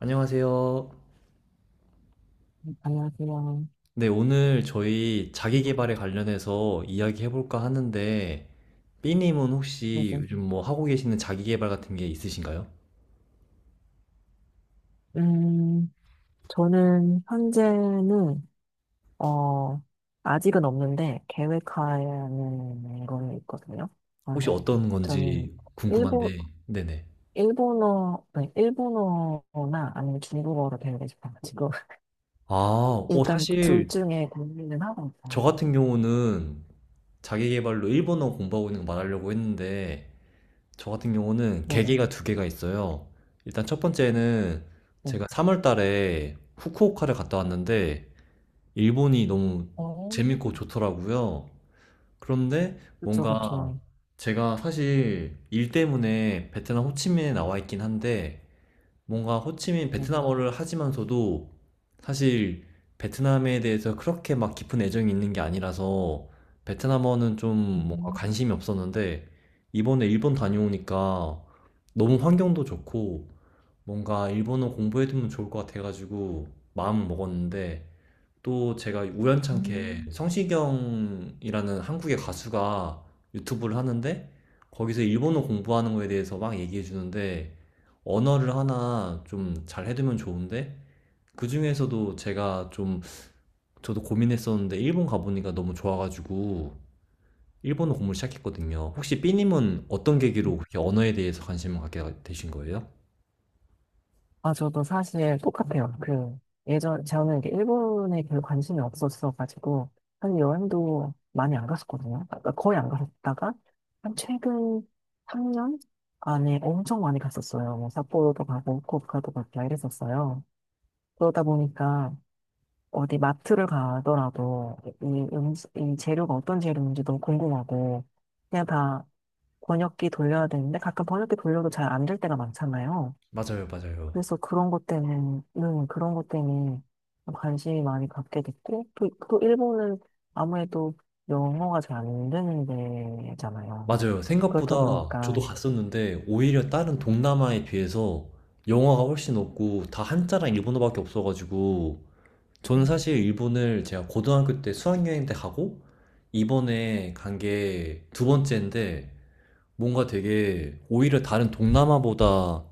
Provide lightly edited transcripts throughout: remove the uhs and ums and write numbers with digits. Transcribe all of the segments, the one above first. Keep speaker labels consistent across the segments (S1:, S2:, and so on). S1: 안녕하세요.
S2: 네, 안녕하세요.
S1: 네, 오늘 저희
S2: 네,
S1: 자기계발에 관련해서 이야기해볼까 하는데, B님은
S2: 네.
S1: 혹시
S2: 네.
S1: 요즘 뭐 하고 계시는 자기계발 같은 게 있으신가요?
S2: 음, 저는 현재는, 어, 아직은 없는데, 계획하는 거는 있거든요.
S1: 혹시
S2: 그래서
S1: 어떤
S2: 저는
S1: 건지
S2: 일본,
S1: 궁금한데, 네네.
S2: 일본어, 네, 일본어나 아니면 중국어로 배우고 싶어가지고,
S1: 아, 어,
S2: 일단 둘
S1: 사실
S2: 중에 고민은 하고
S1: 저
S2: 있어요.
S1: 같은 경우는 자기계발로 일본어 공부하고 있는 거 말하려고 했는데, 저 같은 경우는
S2: 네네,
S1: 계기가 두 개가 있어요. 일단 첫 번째는
S2: 네.
S1: 제가 3월 달에 후쿠오카를 갔다 왔는데, 일본이 너무
S2: 어,
S1: 재밌고 좋더라고요. 그런데
S2: 그쵸,
S1: 뭔가
S2: 그쵸.
S1: 제가 사실 일 때문에 베트남 호치민에 나와 있긴 한데 뭔가 호치민
S2: 네.
S1: 베트남어를 하지만서도 사실 베트남에 대해서 그렇게 막 깊은 애정이 있는 게 아니라서 베트남어는 좀 뭔가
S2: 음,
S1: 관심이 없었는데 이번에 일본 다녀오니까 너무 환경도 좋고 뭔가 일본어 공부해두면 좋을 것 같아가지고 마음 먹었는데 또 제가 우연찮게
S2: 음.
S1: 성시경이라는 한국의 가수가 유튜브를 하는데 거기서 일본어 공부하는 거에 대해서 막 얘기해 주는데 언어를 하나 좀 잘 해두면 좋은데 그 중에서도 제가 좀 저도 고민했었는데 일본 가보니까 너무 좋아가지고 일본어 공부를 시작했거든요. 혹시 삐님은 어떤 계기로 그렇게 언어에 대해서 관심을 갖게 되신 거예요?
S2: 아, 저도 사실 똑같아요. 그, 예전, 저는 이렇게 일본에 별로 관심이 없었어가지고, 사실 여행도 많이 안 갔었거든요. 그러니까 거의 안 갔었다가, 한 최근 3년 안에 엄청 많이 갔었어요. 뭐, 삿포로도 가고, 후쿠오카도 가고 이랬었어요. 그러다 보니까, 어디 마트를 가더라도, 이, 이 재료가 어떤 재료인지 너무 궁금하고, 그냥 다 번역기 돌려야 되는데, 가끔 번역기 돌려도 잘 안 될 때가 많잖아요.
S1: 맞아요, 맞아요.
S2: 그래서 그런 것 때문에 관심이 많이 갖게 됐고, 또, 또 일본은 아무래도 영어가 잘 안 되는 데잖아요.
S1: 맞아요.
S2: 그렇다
S1: 생각보다 저도
S2: 보니까,
S1: 갔었는데 오히려 다른 동남아에 비해서 영어가 훨씬 없고 다 한자랑 일본어밖에 없어가지고 저는
S2: 음,
S1: 사실 일본을 제가 고등학교 때 수학여행 때 가고 이번에 간 게 두 번째인데 뭔가 되게 오히려 다른 동남아보다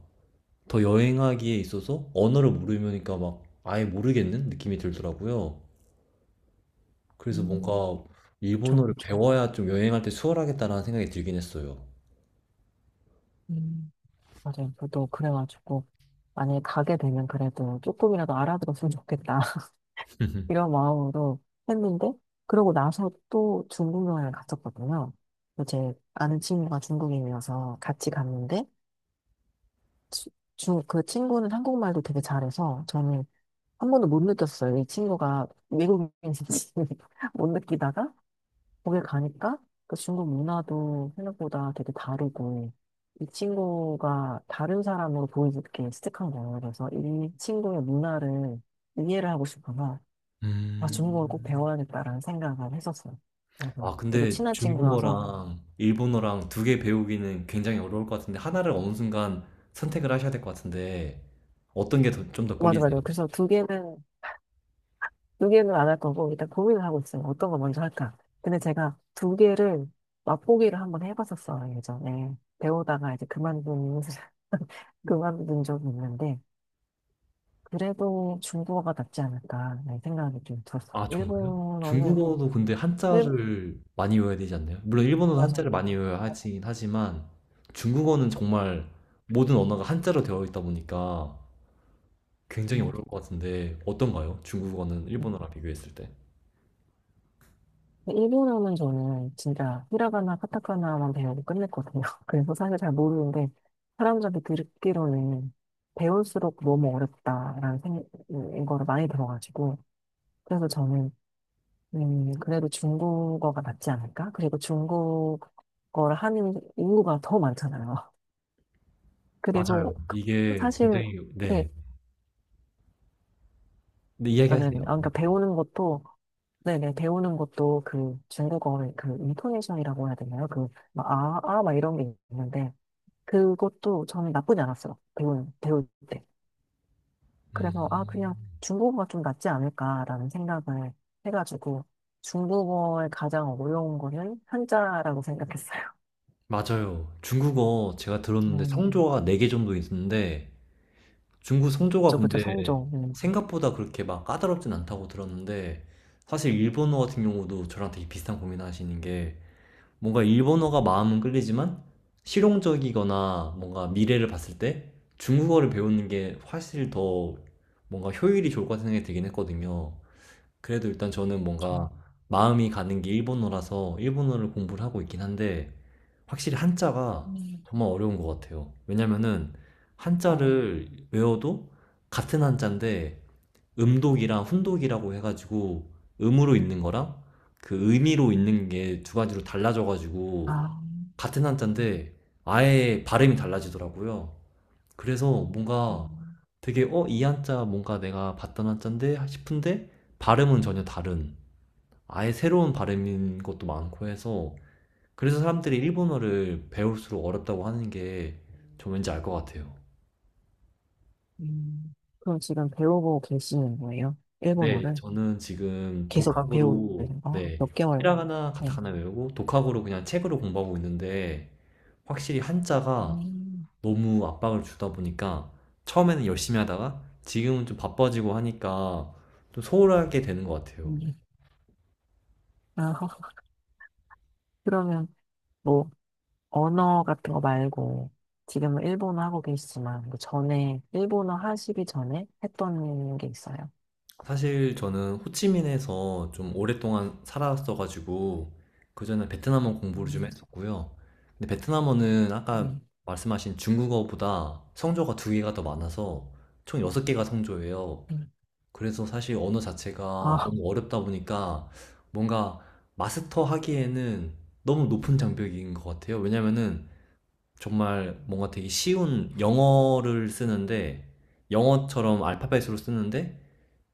S1: 더 여행하기에 있어서 언어를 모르니까 막 아예 모르겠는 느낌이 들더라고요. 그래서
S2: 음,
S1: 뭔가
S2: 좀,
S1: 일본어를
S2: 좀,
S1: 배워야 좀 여행할 때 수월하겠다라는 생각이 들긴 했어요.
S2: 음. 맞아요. 저도 그래가지고, 만약에 가게 되면 그래도 조금이라도 알아들었으면 좋겠다. 이런 마음으로 했는데, 그러고 나서 또 중국 여행을 갔었거든요. 제 아는 친구가 중국인이어서 같이 갔는데, 치- 그 친구는 한국말도 되게 잘해서 저는 한 번도 못 느꼈어요. 이 친구가 외국인인지 못 느끼다가 거기 가니까 그 중국 문화도 생각보다 되게 다르고 이 친구가 다른 사람으로 보이게 스틱한 거예요. 그래서 이 친구의 문화를 이해를 하고 싶어서 중국어를 꼭
S1: 음.
S2: 배워야겠다라는 생각을 했었어요. 그래서
S1: 아,
S2: 되게
S1: 근데
S2: 친한 친구여서
S1: 중국어랑 일본어랑 두 개 배우기는 굉장히 어려울 것 같은데, 하나를 어느 순간 선택을 하셔야 될 것 같은데, 어떤 게 좀 더
S2: 맞아
S1: 끌리세요?
S2: 맞아. 그래서 두 개는 안 할 거고 일단 고민을 하고 있어요. 어떤 거 먼저 할까? 근데 제가 두 개를 맛보기를 한번 해봤었어요, 예전에. 배우다가 이제 그만둔, 그만둔 적이 있는데, 그래도 중국어가 낫지 않을까, 라는 생각이 좀 들었어요.
S1: 아, 정말요?
S2: 일본어는,
S1: 중국어도 근데
S2: 일,
S1: 한자를 많이 외워야 되지 않나요? 물론 일본어도 한자를
S2: 맞아요.
S1: 많이 외워야
S2: 아,
S1: 하긴 하지만, 중국어는 정말 모든 언어가 한자로 되어 있다 보니까 굉장히
S2: 음,
S1: 어려울 것 같은데, 어떤가요? 중국어는
S2: 음.
S1: 일본어랑 비교했을 때.
S2: 일본어는 저는 진짜 히라가나, 카타카나만 배우고 끝냈거든요. 그래서 사실 잘 모르는데, 사람들한테 듣기로는 배울수록 너무 어렵다라는 생각인 거를 많이 들어가지고, 그래서 저는 그래도 중국어가 낫지 않을까? 그리고 중국어를 하는 인구가 더 많잖아요.
S1: 맞아요.
S2: 그리고 그
S1: 이게
S2: 사실
S1: 굉장히,
S2: 네,
S1: 네. 네,
S2: 아,
S1: 이야기하세요.
S2: 네네. 아,
S1: 네.
S2: 그러니까 배우는 것도 네네 배우는 것도 그 중국어의 그 인토네이션이라고 해야 되나요? 그 막, 막 이런 게 있는데 그것도 저는 나쁘지 않았어요. 배우는 배울 때.
S1: 음.
S2: 그래서 아 그냥 중국어가 좀 낫지 않을까라는 생각을 해가지고 중국어의 가장 어려운 거는 한자라고 생각했어요.
S1: 맞아요. 중국어 제가 들었는데
S2: 음,
S1: 성조가 4개 정도 있는데 중국 성조가
S2: 그쵸, 그쵸,
S1: 근데
S2: 성종.
S1: 생각보다 그렇게 막 까다롭진 않다고 들었는데 사실 일본어 같은 경우도 저랑 되게 비슷한 고민을 하시는 게 뭔가 일본어가 마음은 끌리지만 실용적이거나 뭔가 미래를 봤을 때 중국어를 배우는 게 훨씬 더 뭔가 효율이 좋을 것 같은 생각이 들긴 했거든요. 그래도 일단 저는
S2: 좀,
S1: 뭔가 마음이 가는 게 일본어라서 일본어를 공부를 하고 있긴 한데 확실히 한자가
S2: 음,
S1: 정말 어려운 것 같아요. 왜냐면은
S2: 어,
S1: 한자를 외워도 같은 한자인데 음독이랑 훈독이라고 해가지고 음으로 읽는 거랑 그 의미로 읽는 게 두 가지로
S2: 아,
S1: 달라져가지고
S2: 아,
S1: 같은 한자인데 아예 발음이 달라지더라고요. 그래서 뭔가
S2: 음,
S1: 되게 어, 이 한자 뭔가 내가 봤던 한자인데 싶은데 발음은 전혀 다른 아예 새로운 발음인 것도 많고 해서 그래서 사람들이 일본어를 배울수록 어렵다고 하는 게 저 왠지 알 것 같아요.
S2: 음. 그럼 지금 배우고 계시는 거예요?
S1: 네,
S2: 일본어를?
S1: 저는 지금
S2: 계속 배우는
S1: 독학으로
S2: 거?
S1: 네,
S2: 몇 개월?
S1: 히라가나
S2: 네.
S1: 가타카나 외우고 독학으로 그냥 책으로 공부하고 있는데 확실히 한자가
S2: 음,
S1: 너무 압박을 주다 보니까 처음에는 열심히 하다가 지금은 좀 바빠지고 하니까 좀 소홀하게 되는 것 같아요.
S2: 음. 아, 그러면 뭐, 언어 같은 거 말고, 지금은 일본어 하고 계시지만, 그 전에, 일본어 하시기 전에 했던 게 있어요?
S1: 사실 저는 호치민에서 좀 오랫동안 살았어가지고 그전에 베트남어 공부를 좀
S2: 음,
S1: 했었고요. 근데 베트남어는 아까
S2: 음,
S1: 말씀하신 중국어보다 성조가 두 개가 더 많아서 총 여섯 개가 성조예요.
S2: 음.
S1: 그래서 사실 언어 자체가
S2: 아,
S1: 너무 어렵다 보니까 뭔가 마스터하기에는 너무 높은 장벽인 것 같아요. 왜냐면은 정말 뭔가 되게 쉬운 영어를 쓰는데 영어처럼 알파벳으로 쓰는데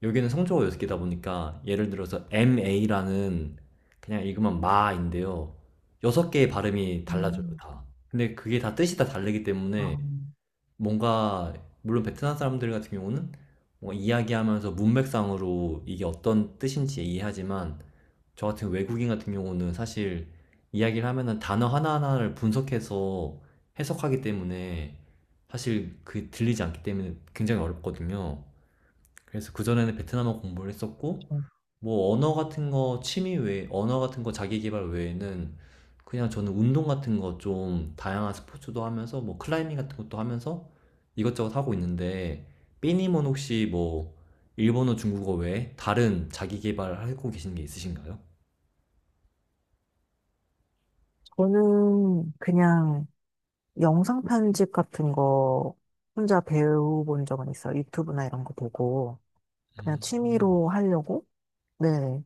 S1: 여기는 성조가 여섯 개다 보니까 예를 들어서 MA라는 그냥 읽으면 마인데요. 여섯 개의 발음이 달라져요,
S2: 음.
S1: 다. 근데 그게 다 뜻이 다 다르기 때문에
S2: 아,
S1: 뭔가 물론 베트남 사람들 같은 경우는 뭔가 이야기하면서 문맥상으로 이게 어떤 뜻인지 이해하지만 저 같은 외국인 같은 경우는 사실 이야기를 하면은 단어 하나하나를 분석해서 해석하기 때문에 사실 그 들리지 않기 때문에 굉장히 어렵거든요. 그래서 그전에는 베트남어 공부를 했었고,
S2: 저-
S1: 뭐 언어 같은 거 취미 외에, 언어 같은 거 자기 개발 외에는 그냥 저는 운동 같은 거 좀 다양한 스포츠도 하면서 뭐 클라이밍 같은 것도 하면서 이것저것 하고 있는데, 삐님은 혹시 뭐 일본어, 중국어 외에 다른 자기 개발하고 계신 게 있으신가요?
S2: 저는 그냥, 영상 편집 같은 거 혼자 배워본 적은 있어요. 유튜브나 이런 거 보고. 그냥 취미로 하려고? 네.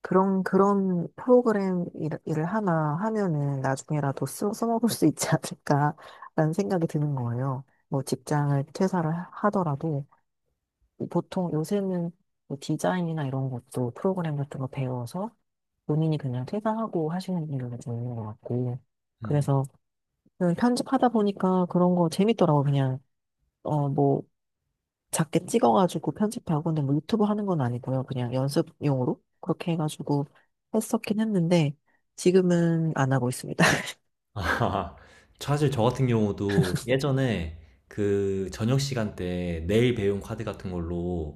S2: 그런, 그런 프로그램 을 하나 하면은 나중에라도 써먹을 수 있지 않을까라는 생각이 드는 거예요. 뭐 직장을 퇴사를 하더라도 보통 요새는 뭐 디자인이나 이런 것도 프로그램 같은 거 배워서 본인이 그냥 퇴사하고 하시는 분들도 있는 것 같고.
S1: 음.
S2: 그래서 그냥 편집하다 보니까 그런 거 재밌더라고, 그냥. 어, 뭐, 작게 찍어가지고 편집하고, 근데 뭐 유튜브 하는 건 아니고요. 그냥 연습용으로 그렇게 해가지고 했었긴 했는데, 지금은 안 하고 있습니다.
S1: 아, 사실 저 같은 경우도 예전에 그 저녁 시간 때 내일 배운 카드 같은 걸로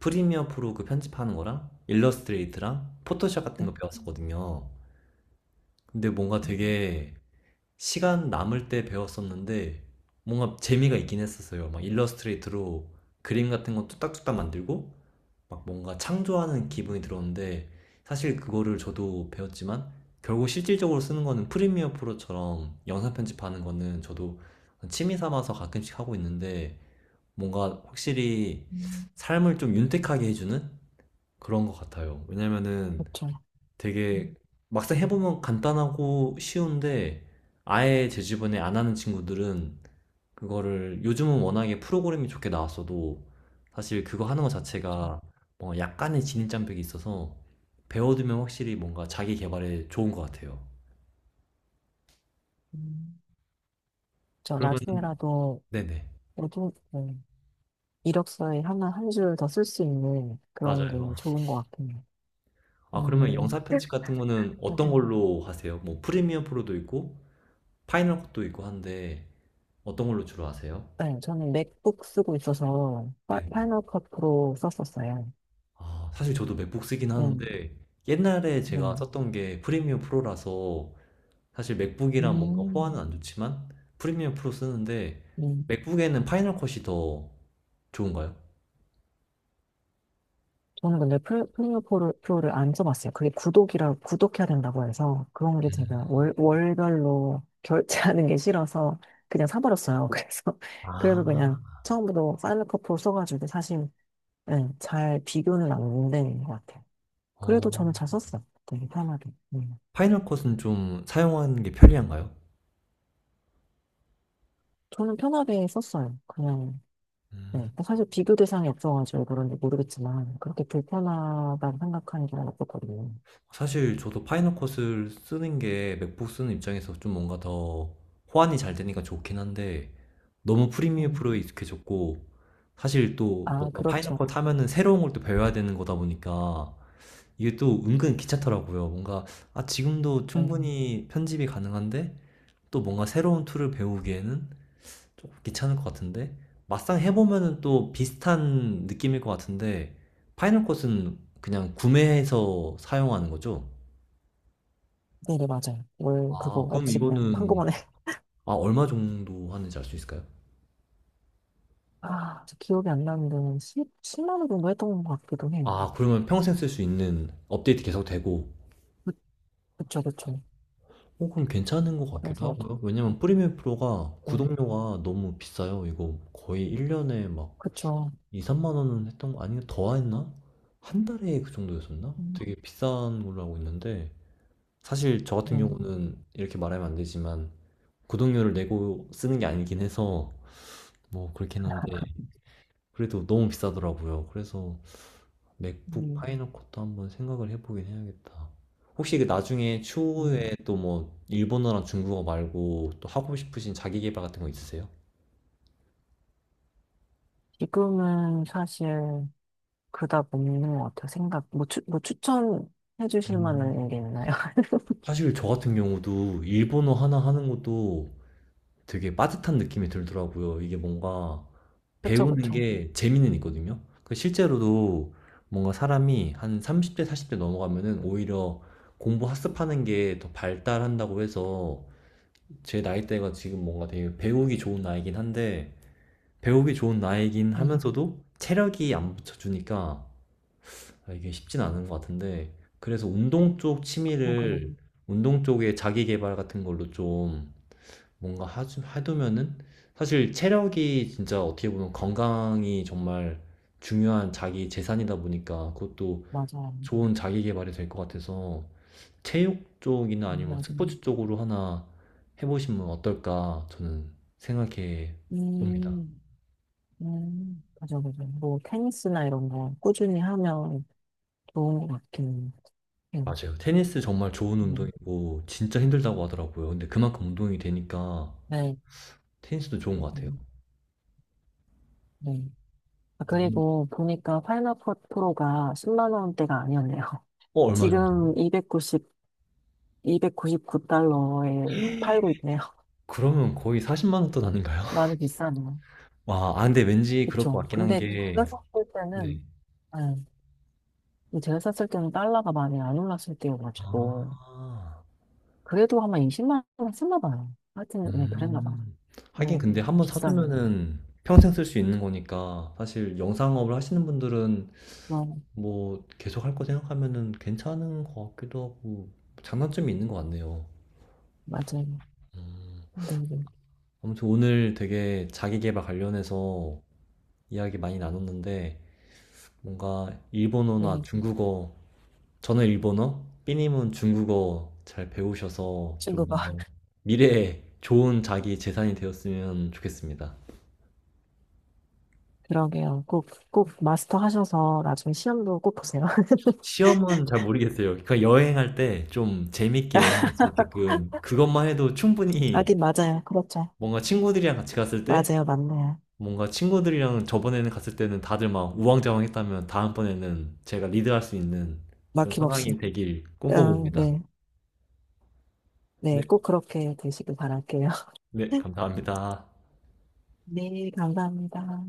S1: 프리미어 프로 그 편집하는 거랑 일러스트레이트랑 포토샵 같은
S2: 네.
S1: 거 배웠었거든요. 근데 뭔가
S2: 음,
S1: 되게 시간 남을 때 배웠었는데 뭔가 재미가 있긴 했었어요. 막 일러스트레이트로 그림 같은 거 뚝딱뚝딱 만들고 막 뭔가 창조하는
S2: 음,
S1: 기분이 들었는데 사실 그거를 저도 배웠지만 결국 실질적으로 쓰는 거는 프리미어 프로처럼 영상 편집하는 거는 저도 취미 삼아서 가끔씩 하고 있는데 뭔가 확실히
S2: 음.
S1: 삶을 좀 윤택하게 해주는 그런 것 같아요. 왜냐면은
S2: 그렇죠.
S1: 되게
S2: 음,
S1: 막상 해보면 간단하고 쉬운데 아예 제 주변에 안 하는 친구들은 그거를 요즘은 워낙에 프로그램이 좋게 나왔어도 사실 그거 하는 것
S2: 그렇죠.
S1: 자체가 뭔가 약간의 진입장벽이 있어서 배워두면 확실히 뭔가 자기 개발에 좋은 것 같아요.
S2: 음. 저
S1: 그러면
S2: 나중에라도,
S1: 네네.
S2: 모두, 이력서에 하나, 한 줄 더 쓸 수 있는 그런
S1: 맞아요.
S2: 게 좋은 것 같긴 해요.
S1: 아, 그러면
S2: 음,
S1: 영상 편집 같은 거는 어떤
S2: 맞아요.
S1: 걸로 하세요? 뭐 프리미어 프로도 있고 파이널 컷도 있고 한데 어떤 걸로 주로 하세요?
S2: 네, 저는 맥북 쓰고 있어서,
S1: 네.
S2: 파이널 컷 프로 썼었어요.
S1: 아, 사실 저도 맥북 쓰긴
S2: 네,
S1: 하는데 옛날에 제가
S2: 네.
S1: 썼던 게 프리미엄 프로라서 사실 맥북이랑 뭔가 호환은
S2: 음.
S1: 안 좋지만 프리미엄 프로 쓰는데
S2: 음.
S1: 맥북에는 파이널 컷이 더 좋은가요?
S2: 저는 근데 플레이어 프로를 안 써봤어요. 그게 구독이라, 구독해야 된다고 해서 그런 게 제가 월별로 결제하는 게 싫어서 그냥 사버렸어요. 그래서, 그래서 그냥
S1: 아,
S2: 처음부터 파이널 컷 프로 써가지고 사실, 예, 잘 비교는 안 되는 것 같아요. 그래도 저는
S1: 어.
S2: 잘 썼어요. 되게 편하게. 음.
S1: 파이널 컷은 좀 사용하는 게 편리한가요?
S2: 저는 편하게 썼어요. 그냥, 네.
S1: 음.
S2: 사실 비교 대상이 없어가지고 그런지 모르겠지만 그렇게 불편하다고 생각하는 게 없었거든요.
S1: 사실 저도 파이널컷을 쓰는 게 맥북 쓰는 입장에서 좀 뭔가 더 호환이 잘 되니까 좋긴 한데 너무 프리미어
S2: 음.
S1: 프로에 익숙해졌고 사실 또
S2: 아,
S1: 뭔가 파이널컷
S2: 그렇죠.
S1: 하면은 새로운 걸 또 배워야 되는 거다 보니까 이게 또 은근 귀찮더라고요. 뭔가 아 지금도
S2: 네.
S1: 충분히 편집이 가능한데 또 뭔가 새로운 툴을 배우기에는 조금 귀찮을 것 같은데 막상 해보면은 또 비슷한 느낌일 것 같은데 파이널컷은 그냥 구매해서 사용하는 거죠?
S2: 네네, 맞아요. 월 그거
S1: 아, 그럼
S2: 없이 그냥
S1: 이거는,
S2: 한꺼번에.
S1: 아, 얼마 정도 하는지 알 수 있을까요?
S2: 아, 저 기억이 안 나는데, 십십 10만 원 정도 했던 것 같기도 해요.
S1: 아, 그러면 평생 쓸 수 있는 업데이트 계속 되고,
S2: 그, 그쵸, 그쵸.
S1: 어, 그럼 괜찮은 것 같기도
S2: 그래서,
S1: 하고요.
S2: 아,
S1: 왜냐면 프리미엄 프로가
S2: 네,
S1: 구독료가 너무 비싸요. 이거 거의 1년에 막
S2: 그쵸.
S1: 2, 3만 원은 했던 거, 아니면 더 했나? 한 달에 그 정도였었나?
S2: 음,
S1: 되게 비싼 걸로 알고 있는데, 사실 저 같은
S2: 네.
S1: 경우는 이렇게 말하면 안 되지만, 구독료를 내고 쓰는 게 아니긴 해서, 뭐, 그렇긴 한데, 그래도 너무 비싸더라고요. 그래서, 맥북
S2: 음,
S1: 파이널 컷도 한번 생각을 해보긴 해야겠다. 혹시 그 나중에
S2: 음.
S1: 추후에 또 뭐 일본어랑 중국어 말고 또 하고 싶으신 자기 개발 같은 거 있으세요?
S2: 지금은 사실 그닥 없는 것 같아요. 뭐 추천해 주실
S1: 음.
S2: 만한 게 있나요?
S1: 사실 저 같은 경우도 일본어 하나 하는 것도 되게 빠듯한 느낌이 들더라고요. 이게 뭔가
S2: 그쵸,
S1: 배우는
S2: 그쵸.
S1: 게 재미는 있거든요. 그 실제로도 뭔가 사람이 한 30대, 40대 넘어가면은 오히려 공부 학습하는 게 더 발달한다고 해서 제 나이대가 지금 뭔가 되게 배우기 좋은 나이긴 한데 배우기 좋은 나이긴
S2: 네,
S1: 하면서도 체력이 안 붙여주니까 아, 이게 쉽진 않은 것 같은데 그래서 운동 쪽
S2: 그건 그래요.
S1: 취미를 운동 쪽에 자기 개발 같은 걸로 좀 뭔가 하, 해두면은 사실 체력이 진짜 어떻게 보면 건강이 정말 중요한 자기 재산이다 보니까 그것도
S2: 맞아요.
S1: 좋은 자기 개발이 될 것 같아서 체육 쪽이나 아니면
S2: 나중에.
S1: 스포츠 쪽으로 하나 해보시면 어떨까 저는 생각해 봅니다.
S2: 음, 맞아, 맞아. 뭐, 테니스나 이런 거 꾸준히 하면 좋은 것 같긴 해요.
S1: 맞아요. 테니스 정말 좋은
S2: 네.
S1: 운동이고 진짜 힘들다고 하더라고요. 근데 그만큼 운동이 되니까
S2: 네.
S1: 테니스도 좋은 것 같아요.
S2: 네. 네. 아,
S1: 음.
S2: 그리고 보니까 파이널 컷 프로가 10만 원대가 아니었네요.
S1: 어, 얼마 정도요?
S2: 지금 2 9백구9구달러에 팔고 있네요.
S1: 그러면 거의 40만 원 돈 아닌가요?
S2: 많이 비싸네요.
S1: 와, 아, 근데 왠지 그럴 것
S2: 그쵸.
S1: 같긴 한
S2: 근데
S1: 게,
S2: 제가 샀을
S1: 네.
S2: 때는, 네. 제가 샀을 때는 달러가 많이 안 올랐을 때여가지고,
S1: 아,
S2: 그래도 아마 20만 원 했나 봐요. 하여튼, 네, 그랬나 봐요.
S1: 음. 하긴
S2: 네,
S1: 근데 한 번
S2: 비싸네요.
S1: 사두면은 평생 쓸 수 있는 거니까 사실 영상업을 하시는 분들은
S2: 어,
S1: 뭐 계속 할 거 생각하면은 괜찮은 것 같기도 하고 장단점이 있는 것 같네요.
S2: 맞아요.
S1: 음.
S2: 네, 네.
S1: 아무튼 오늘 되게 자기계발 관련해서 이야기 많이 나눴는데 뭔가 일본어나
S2: 네,
S1: 중국어 저는 일본어, 삐님은 중국어 잘 배우셔서 좀
S2: 친구가
S1: 뭔가 미래에 좋은 자기 재산이 되었으면 좋겠습니다.
S2: 그러게요. 꼭, 꼭 마스터 하셔서 나중에 시험도 꼭 보세요.
S1: 시험은 잘 모르겠어요. 그러니까 여행할 때 좀 재밌게 여행할 수 있게끔 그것만 해도 충분히
S2: 하긴 맞아요. 그렇죠.
S1: 뭔가 친구들이랑 같이 갔을 때
S2: 맞아요. 맞네요.
S1: 뭔가 친구들이랑 저번에는 갔을 때는 다들 막 우왕좌왕했다면 다음번에는 제가 리드할 수 있는 그런
S2: 막힘없이.
S1: 상황이 되길
S2: 어,
S1: 꿈꿔봅니다.
S2: 네. 네.
S1: 네,
S2: 꼭 그렇게 되시길 바랄게요.
S1: 네, 감사합니다.
S2: 네. 감사합니다.